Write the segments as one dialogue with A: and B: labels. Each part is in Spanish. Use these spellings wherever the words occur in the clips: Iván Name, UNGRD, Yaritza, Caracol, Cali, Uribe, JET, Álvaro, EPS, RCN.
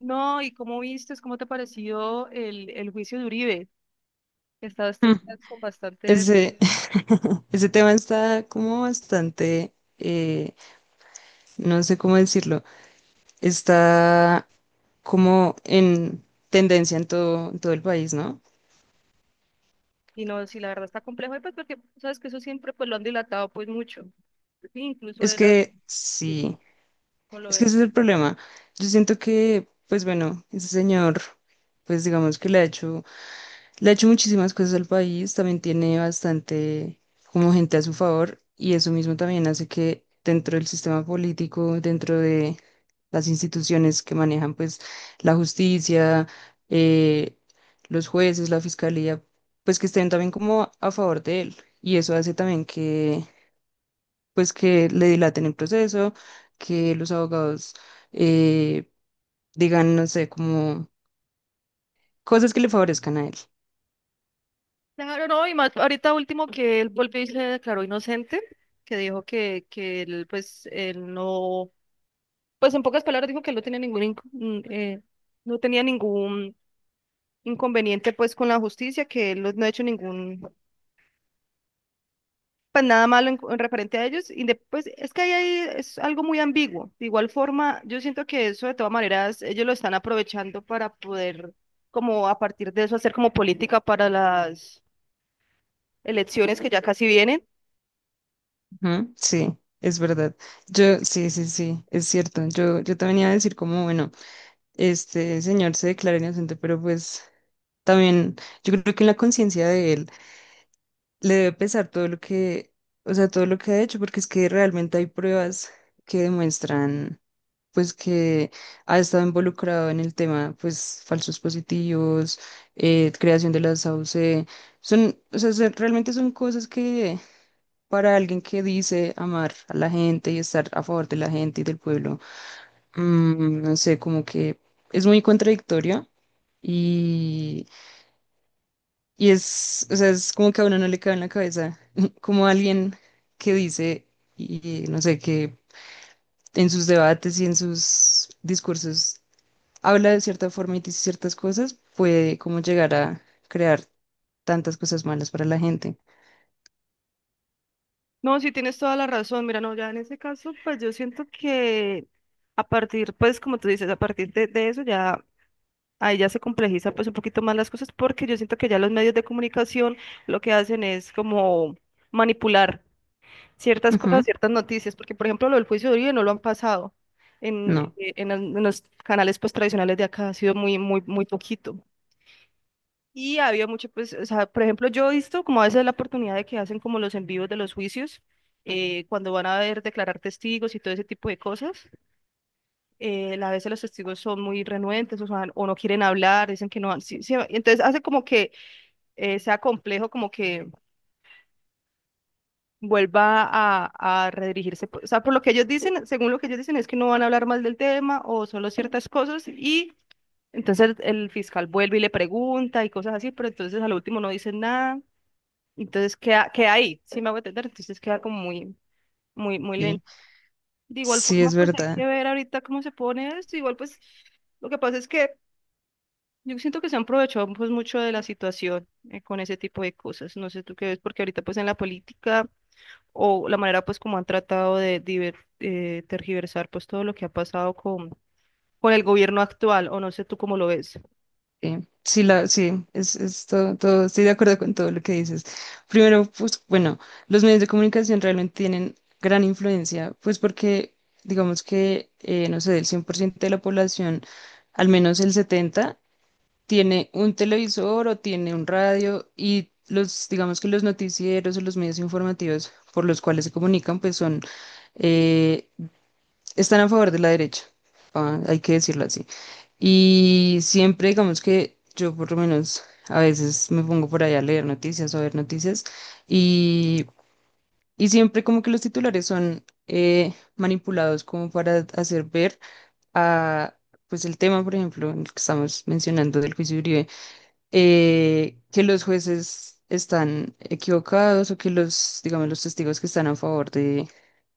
A: No, ¿y cómo viste, cómo te pareció el juicio de Uribe? He estado estos
B: Mm,
A: días con bastante,
B: Ese, ese tema está como bastante, no sé cómo decirlo, está como en tendencia en todo el país, ¿no?
A: y no, si la verdad está complejo, y pues porque sabes que eso siempre pues lo han dilatado pues mucho. Sí, incluso
B: Es
A: era
B: que
A: sí,
B: sí,
A: como lo
B: es que
A: de...
B: ese es el problema. Yo siento que, pues bueno, ese señor, pues digamos que le ha hecho Le ha hecho muchísimas cosas al país, también tiene bastante como gente a su favor y eso mismo también hace que dentro del sistema político, dentro de las instituciones que manejan pues la justicia, eh, los jueces, la fiscalía, pues que estén también como a favor de él y eso hace también que pues que le dilaten el proceso, que los abogados eh, digan, no sé, como cosas que le favorezcan a él.
A: Claro, no, y más ahorita último que él volvió y se declaró inocente, que dijo que él pues él no, pues en pocas palabras dijo que él no tenía ningún no tenía ningún inconveniente pues con la justicia, que él no ha hecho ningún pues nada malo en referente a ellos. Pues es que ahí hay, es algo muy ambiguo. De igual forma, yo siento que eso de todas maneras ellos lo están aprovechando para poder, como a partir de eso, hacer como política para las elecciones que ya casi vienen.
B: Ujú. Sí, es verdad. Yo, sí, sí, sí, es cierto. Yo, también iba a decir como, bueno, este señor se declara inocente, pero pues también yo creo que en la conciencia de él le debe pesar todo lo que, o sea, todo lo que ha hecho, porque es que realmente hay pruebas que demuestran, pues, que ha estado involucrado en el tema, pues, falsos positivos, creación de las AUC, son, o sea, son- realmente son cosas que para alguien que dice amar a la gente y estar a favor de la gente y del pueblo, mm, no sé, como que es muy contradictoria y, y es, o sea, es como que a uno no le cabe en la cabeza, como alguien que dice, y no sé, que en sus debates y en sus discursos habla de cierta forma y dice ciertas cosas, puede como llegar a crear tantas cosas malas para la gente.
A: No, sí tienes toda la razón. Mira, no, ya en ese caso, pues yo siento que a partir, pues como tú dices, a partir de eso ya... Ahí ya se complejiza pues un poquito más las cosas porque yo siento que ya los medios de comunicación lo que hacen es como manipular ciertas cosas,
B: Ujú.
A: ciertas noticias, porque por ejemplo lo del juicio de Uribe no lo han pasado en,
B: No,
A: eh, en, el- en los canales pues tradicionales de acá, ha sido muy poquito. Y había mucho, pues, o sea, por ejemplo, yo he visto como a veces la oportunidad de que hacen como los envíos de los juicios, cuando van a ver declarar testigos y todo ese tipo de cosas, a veces los testigos son muy renuentes o sea, o no quieren hablar, dicen que no han, sí, entonces hace como que sea complejo como que vuelva a redirigirse. O sea, por lo que ellos dicen, según lo que ellos dicen, es que no van a hablar más del tema o solo ciertas cosas y entonces el fiscal vuelve y le pregunta y cosas así, pero entonces al último no dicen nada. Entonces queda ahí, sí me hago entender, entonces queda como muy, muy lento.
B: sí,
A: De igual
B: sí
A: forma,
B: es
A: pues hay que
B: verdad.
A: ver ahorita cómo se pone esto. Igual, pues lo que pasa es que yo siento que se han aprovechado pues mucho de la situación con ese tipo de cosas. No sé tú qué ves, porque ahorita pues en la política o la manera pues como han tratado de tergiversar pues todo lo que ha pasado con el gobierno actual, o no sé tú cómo lo ves.
B: Sí, sí, estoy de acuerdo con todo lo que dices. Primero, pues bueno, los medios de comunicación realmente tienen gran influencia, pues porque digamos que, no sé, del 100% de la población, al menos el 70, tiene un televisor o tiene un radio y los, digamos que los noticieros o los medios informativos por los cuales se comunican, pues son... eh, están a favor de la derecha, ah, hay que decirlo así. Y siempre, digamos que yo por lo menos a veces me pongo por ahí a leer noticias o a ver noticias y, y siempre como que los titulares son manipulados como para hacer ver a, pues el tema, por ejemplo, en el que estamos mencionando del juicio de Uribe, que los jueces están equivocados o que los, digamos, los testigos que están a favor de,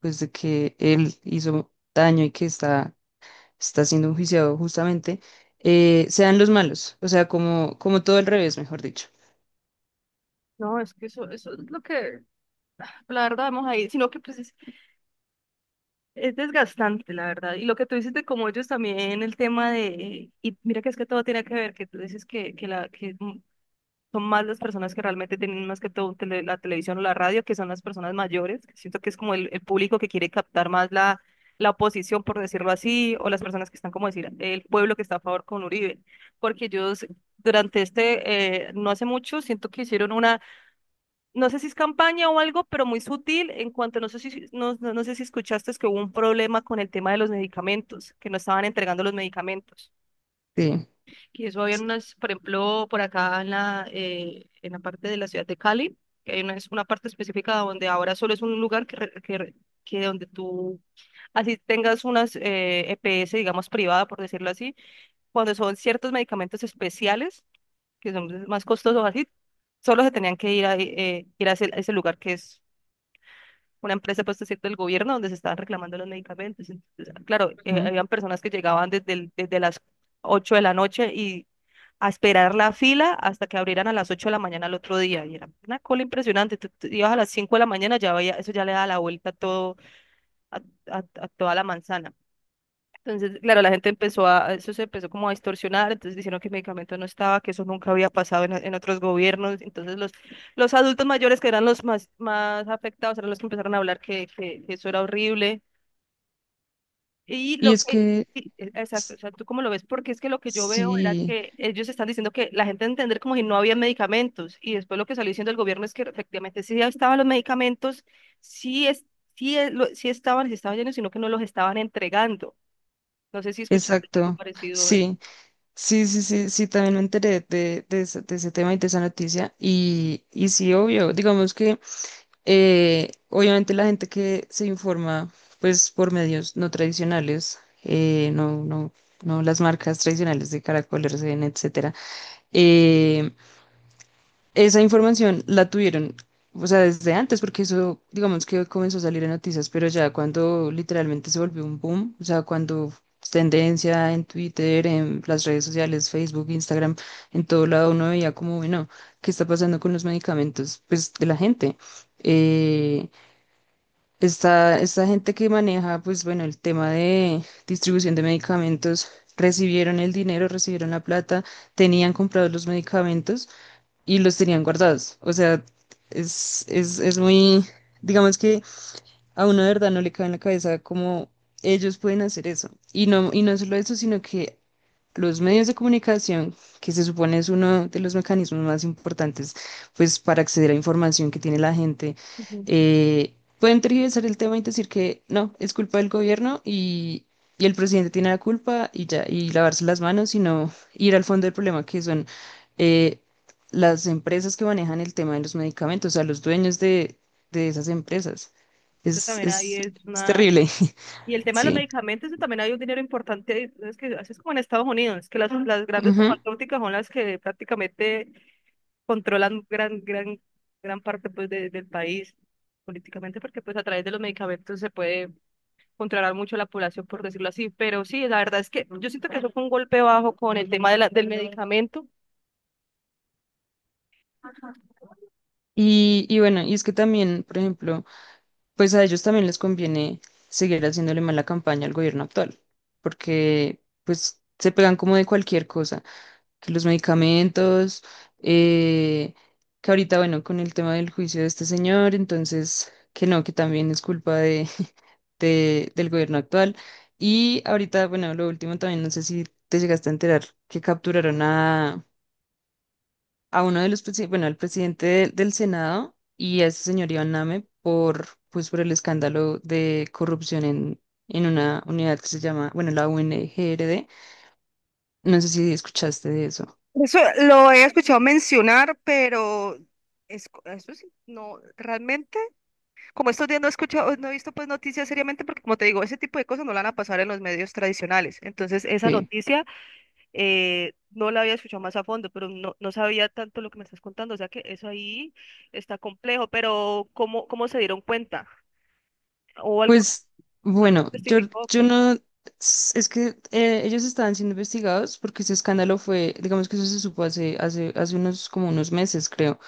B: pues de que él hizo daño y que está siendo enjuiciado justamente, sean los malos, o sea, como, como todo al revés, mejor dicho.
A: No, es que eso es lo que, la verdad, vamos ahí, sino que pues es desgastante, la verdad. Y lo que tú dices de cómo ellos también, el tema de, y mira que es que todo tiene que ver, que tú dices que son más las personas que realmente tienen más que todo la televisión o la radio, que son las personas mayores. Siento que es como el público que quiere captar más la, la oposición, por decirlo así, o las personas que están, como decir, el pueblo que está a favor con Uribe. Porque ellos durante este, no hace mucho, siento que hicieron una, no sé si es campaña o algo, pero muy sutil en cuanto, no sé si, no, no sé si escuchaste, es que hubo un problema con el tema de los medicamentos, que no estaban entregando los medicamentos.
B: Sí.
A: Y eso había unas, por ejemplo, por acá en en la parte de la ciudad de Cali, que hay una, es una parte específica donde ahora solo es un lugar que, re- que, re- que donde tú, así tengas unas EPS, digamos, privada, por decirlo así, cuando son ciertos medicamentos especiales, que son más costosos así, solo se tenían que ir ir a ese lugar que es una empresa, pues, es cierto, del gobierno, donde se estaban reclamando los medicamentos. Entonces, claro,
B: Ujú.
A: habían personas que llegaban desde las 8 de la noche y a esperar la fila hasta que abrieran a las 8 de la mañana al otro día. Y era una cola impresionante. Tú ibas a las 5 de la mañana, ya veía, eso ya le da la vuelta a todo, a, a toda la manzana. Entonces, claro, la gente empezó a, eso se empezó como a distorsionar, entonces diciendo que el medicamento no estaba, que eso nunca había pasado en otros gobiernos. Entonces, los adultos mayores que eran los más, más afectados eran los que empezaron a hablar que eso era horrible. Y
B: Y
A: lo
B: es
A: que,
B: que,
A: sí, exacto,
B: s-
A: o sea, ¿tú cómo lo ves? Porque es que lo que yo veo era
B: sí,
A: que ellos están diciendo que la gente entender como si no había medicamentos. Y después lo que salió diciendo el gobierno es que efectivamente sí estaban los medicamentos, sí, es, sí, sí estaban llenos, sino que no los estaban entregando. No sé si escuchaste algo
B: exacto,
A: parecido.
B: sí, sí, sí, sí, sí, también me enteré de ese tema y de esa noticia y sí, obvio, digamos que obviamente la gente que se informa pues por medios no tradicionales, no las marcas tradicionales de Caracol, RCN, etcétera, eh, Esa información la tuvieron, o sea, desde antes, porque eso, digamos que comenzó a salir en noticias, pero ya cuando literalmente se volvió un boom, o sea, cuando es tendencia en Twitter, en las redes sociales, Facebook, Instagram, en todo lado uno veía como, bueno, ¿qué está pasando con los medicamentos, pues, de la gente? Eh, esta gente que maneja, pues, bueno, el tema de distribución de medicamentos, recibieron el dinero, recibieron la plata, tenían comprados los medicamentos y los tenían guardados. O sea, es muy, digamos que a uno de verdad no le cabe en la cabeza cómo ellos pueden hacer eso. Y no solo eso, sino que los medios de comunicación, que se supone es uno de los mecanismos más importantes, pues para acceder a información que tiene la gente,
A: Ujú.
B: eh, pueden tergiversar el tema y decir que no, es culpa del gobierno y el presidente tiene la culpa y ya, y lavarse las manos, sino ir al fondo del problema, que son eh, las empresas que manejan el tema de los medicamentos, o sea, los dueños de esas empresas.
A: Eso
B: Es,
A: también ahí
B: es,
A: es
B: es
A: una...
B: terrible.
A: Y el tema de los
B: Sí.
A: medicamentos, eso también hay un dinero importante, ahí, es que así es como en Estados Unidos, que las, ujú, las grandes
B: Ujú.
A: farmacéuticas son las que prácticamente controlan gran, gran, gran parte pues, del país políticamente, porque pues a través de los medicamentos se puede controlar mucho la población, por decirlo así. Pero sí, la verdad es que yo siento que eso fue un golpe bajo con el tema de del medicamento.
B: Y bueno, y es que también, por ejemplo, pues a ellos también les conviene seguir haciéndole mala campaña al gobierno actual, porque pues se pegan como de cualquier cosa, que los medicamentos, eh, que ahorita, bueno, con el tema del juicio de este señor, entonces, que no, que también es culpa de, del gobierno actual. Y ahorita, bueno, lo último también, no sé si te llegaste a enterar que capturaron a uno de los, bueno, al presidente del Senado y a ese señor Iván Name por, pues, por el escándalo de corrupción en una unidad que se llama, bueno, la UNGRD. No sé si escuchaste de eso.
A: Eso lo he escuchado mencionar, pero es, eso sí, no, realmente, como estos días no he escuchado, no he visto pues noticias seriamente, porque como te digo, ese tipo de cosas no la van a pasar en los medios tradicionales. Entonces, esa
B: Sí.
A: noticia no la había escuchado más a fondo, pero no, no sabía tanto lo que me estás contando. O sea que eso ahí está complejo, pero ¿cómo, cómo se dieron cuenta? ¿O algún,
B: Pues,
A: alguien
B: bueno,
A: testificó
B: yo
A: que...
B: no, es que ellos estaban siendo investigados porque ese escándalo fue, digamos que eso se supo hace, hace unos, como unos meses, creo.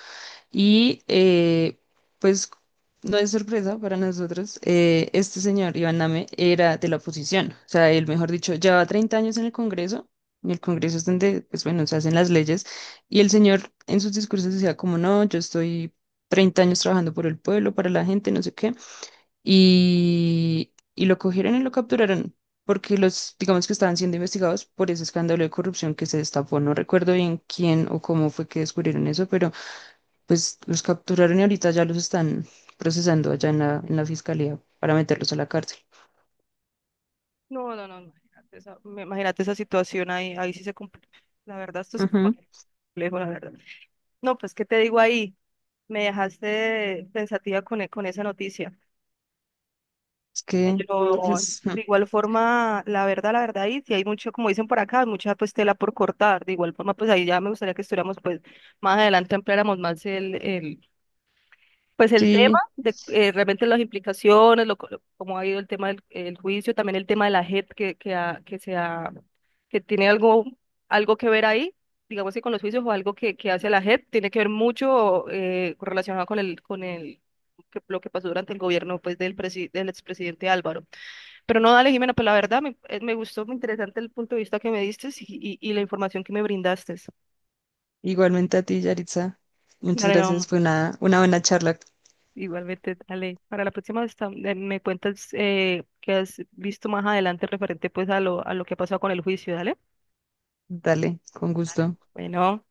B: Y pues no es sorpresa para nosotros, este señor Iván Name era de la oposición, o sea, él, mejor dicho, lleva 30 años en el Congreso, y el Congreso es donde, pues bueno, se hacen las leyes, y el señor en sus discursos decía como, no, yo estoy 30 años trabajando por el pueblo, para la gente, no sé qué, y lo cogieron y lo capturaron. Porque los, digamos que estaban siendo investigados por ese escándalo de corrupción que se destapó. No recuerdo bien quién o cómo fue que descubrieron eso, pero pues los capturaron y ahorita ya los están procesando allá en la fiscalía para meterlos a la cárcel.
A: No, no, no, imagínate esa, imagínate esa situación ahí, ahí sí se complica. La verdad, esto se
B: Ujú.
A: pone complejo, la verdad. No, pues, ¿qué te digo ahí? Me dejaste pensativa con, con esa noticia.
B: Es que,
A: Pero
B: pues,
A: de igual forma, la verdad, ahí sí hay mucho, como dicen por acá, mucha pues tela por cortar. De igual forma, pues ahí ya me gustaría que estuviéramos pues más adelante ampliáramos más el pues el tema
B: sí,
A: de realmente las implicaciones, cómo ha ido el tema del el juicio, también el tema de la JET se que tiene algo, algo que ver ahí, digamos que con los juicios o algo que hace la JET, tiene que ver mucho relacionado con el lo que pasó durante el gobierno pues, del expresidente Álvaro. Pero no, dale, Jimena, pues la verdad me, me gustó, muy interesante el punto de vista que me diste y, y la información que me brindaste.
B: igualmente a ti, Yaritza. Muchas
A: Dale,
B: gracias,
A: no.
B: fue una buena charla.
A: Igualmente, Ale, para la próxima vez me cuentas qué has visto más adelante referente pues a lo que ha pasado con el juicio, dale.
B: Dale, con
A: Dale.
B: gusto.
A: Bueno.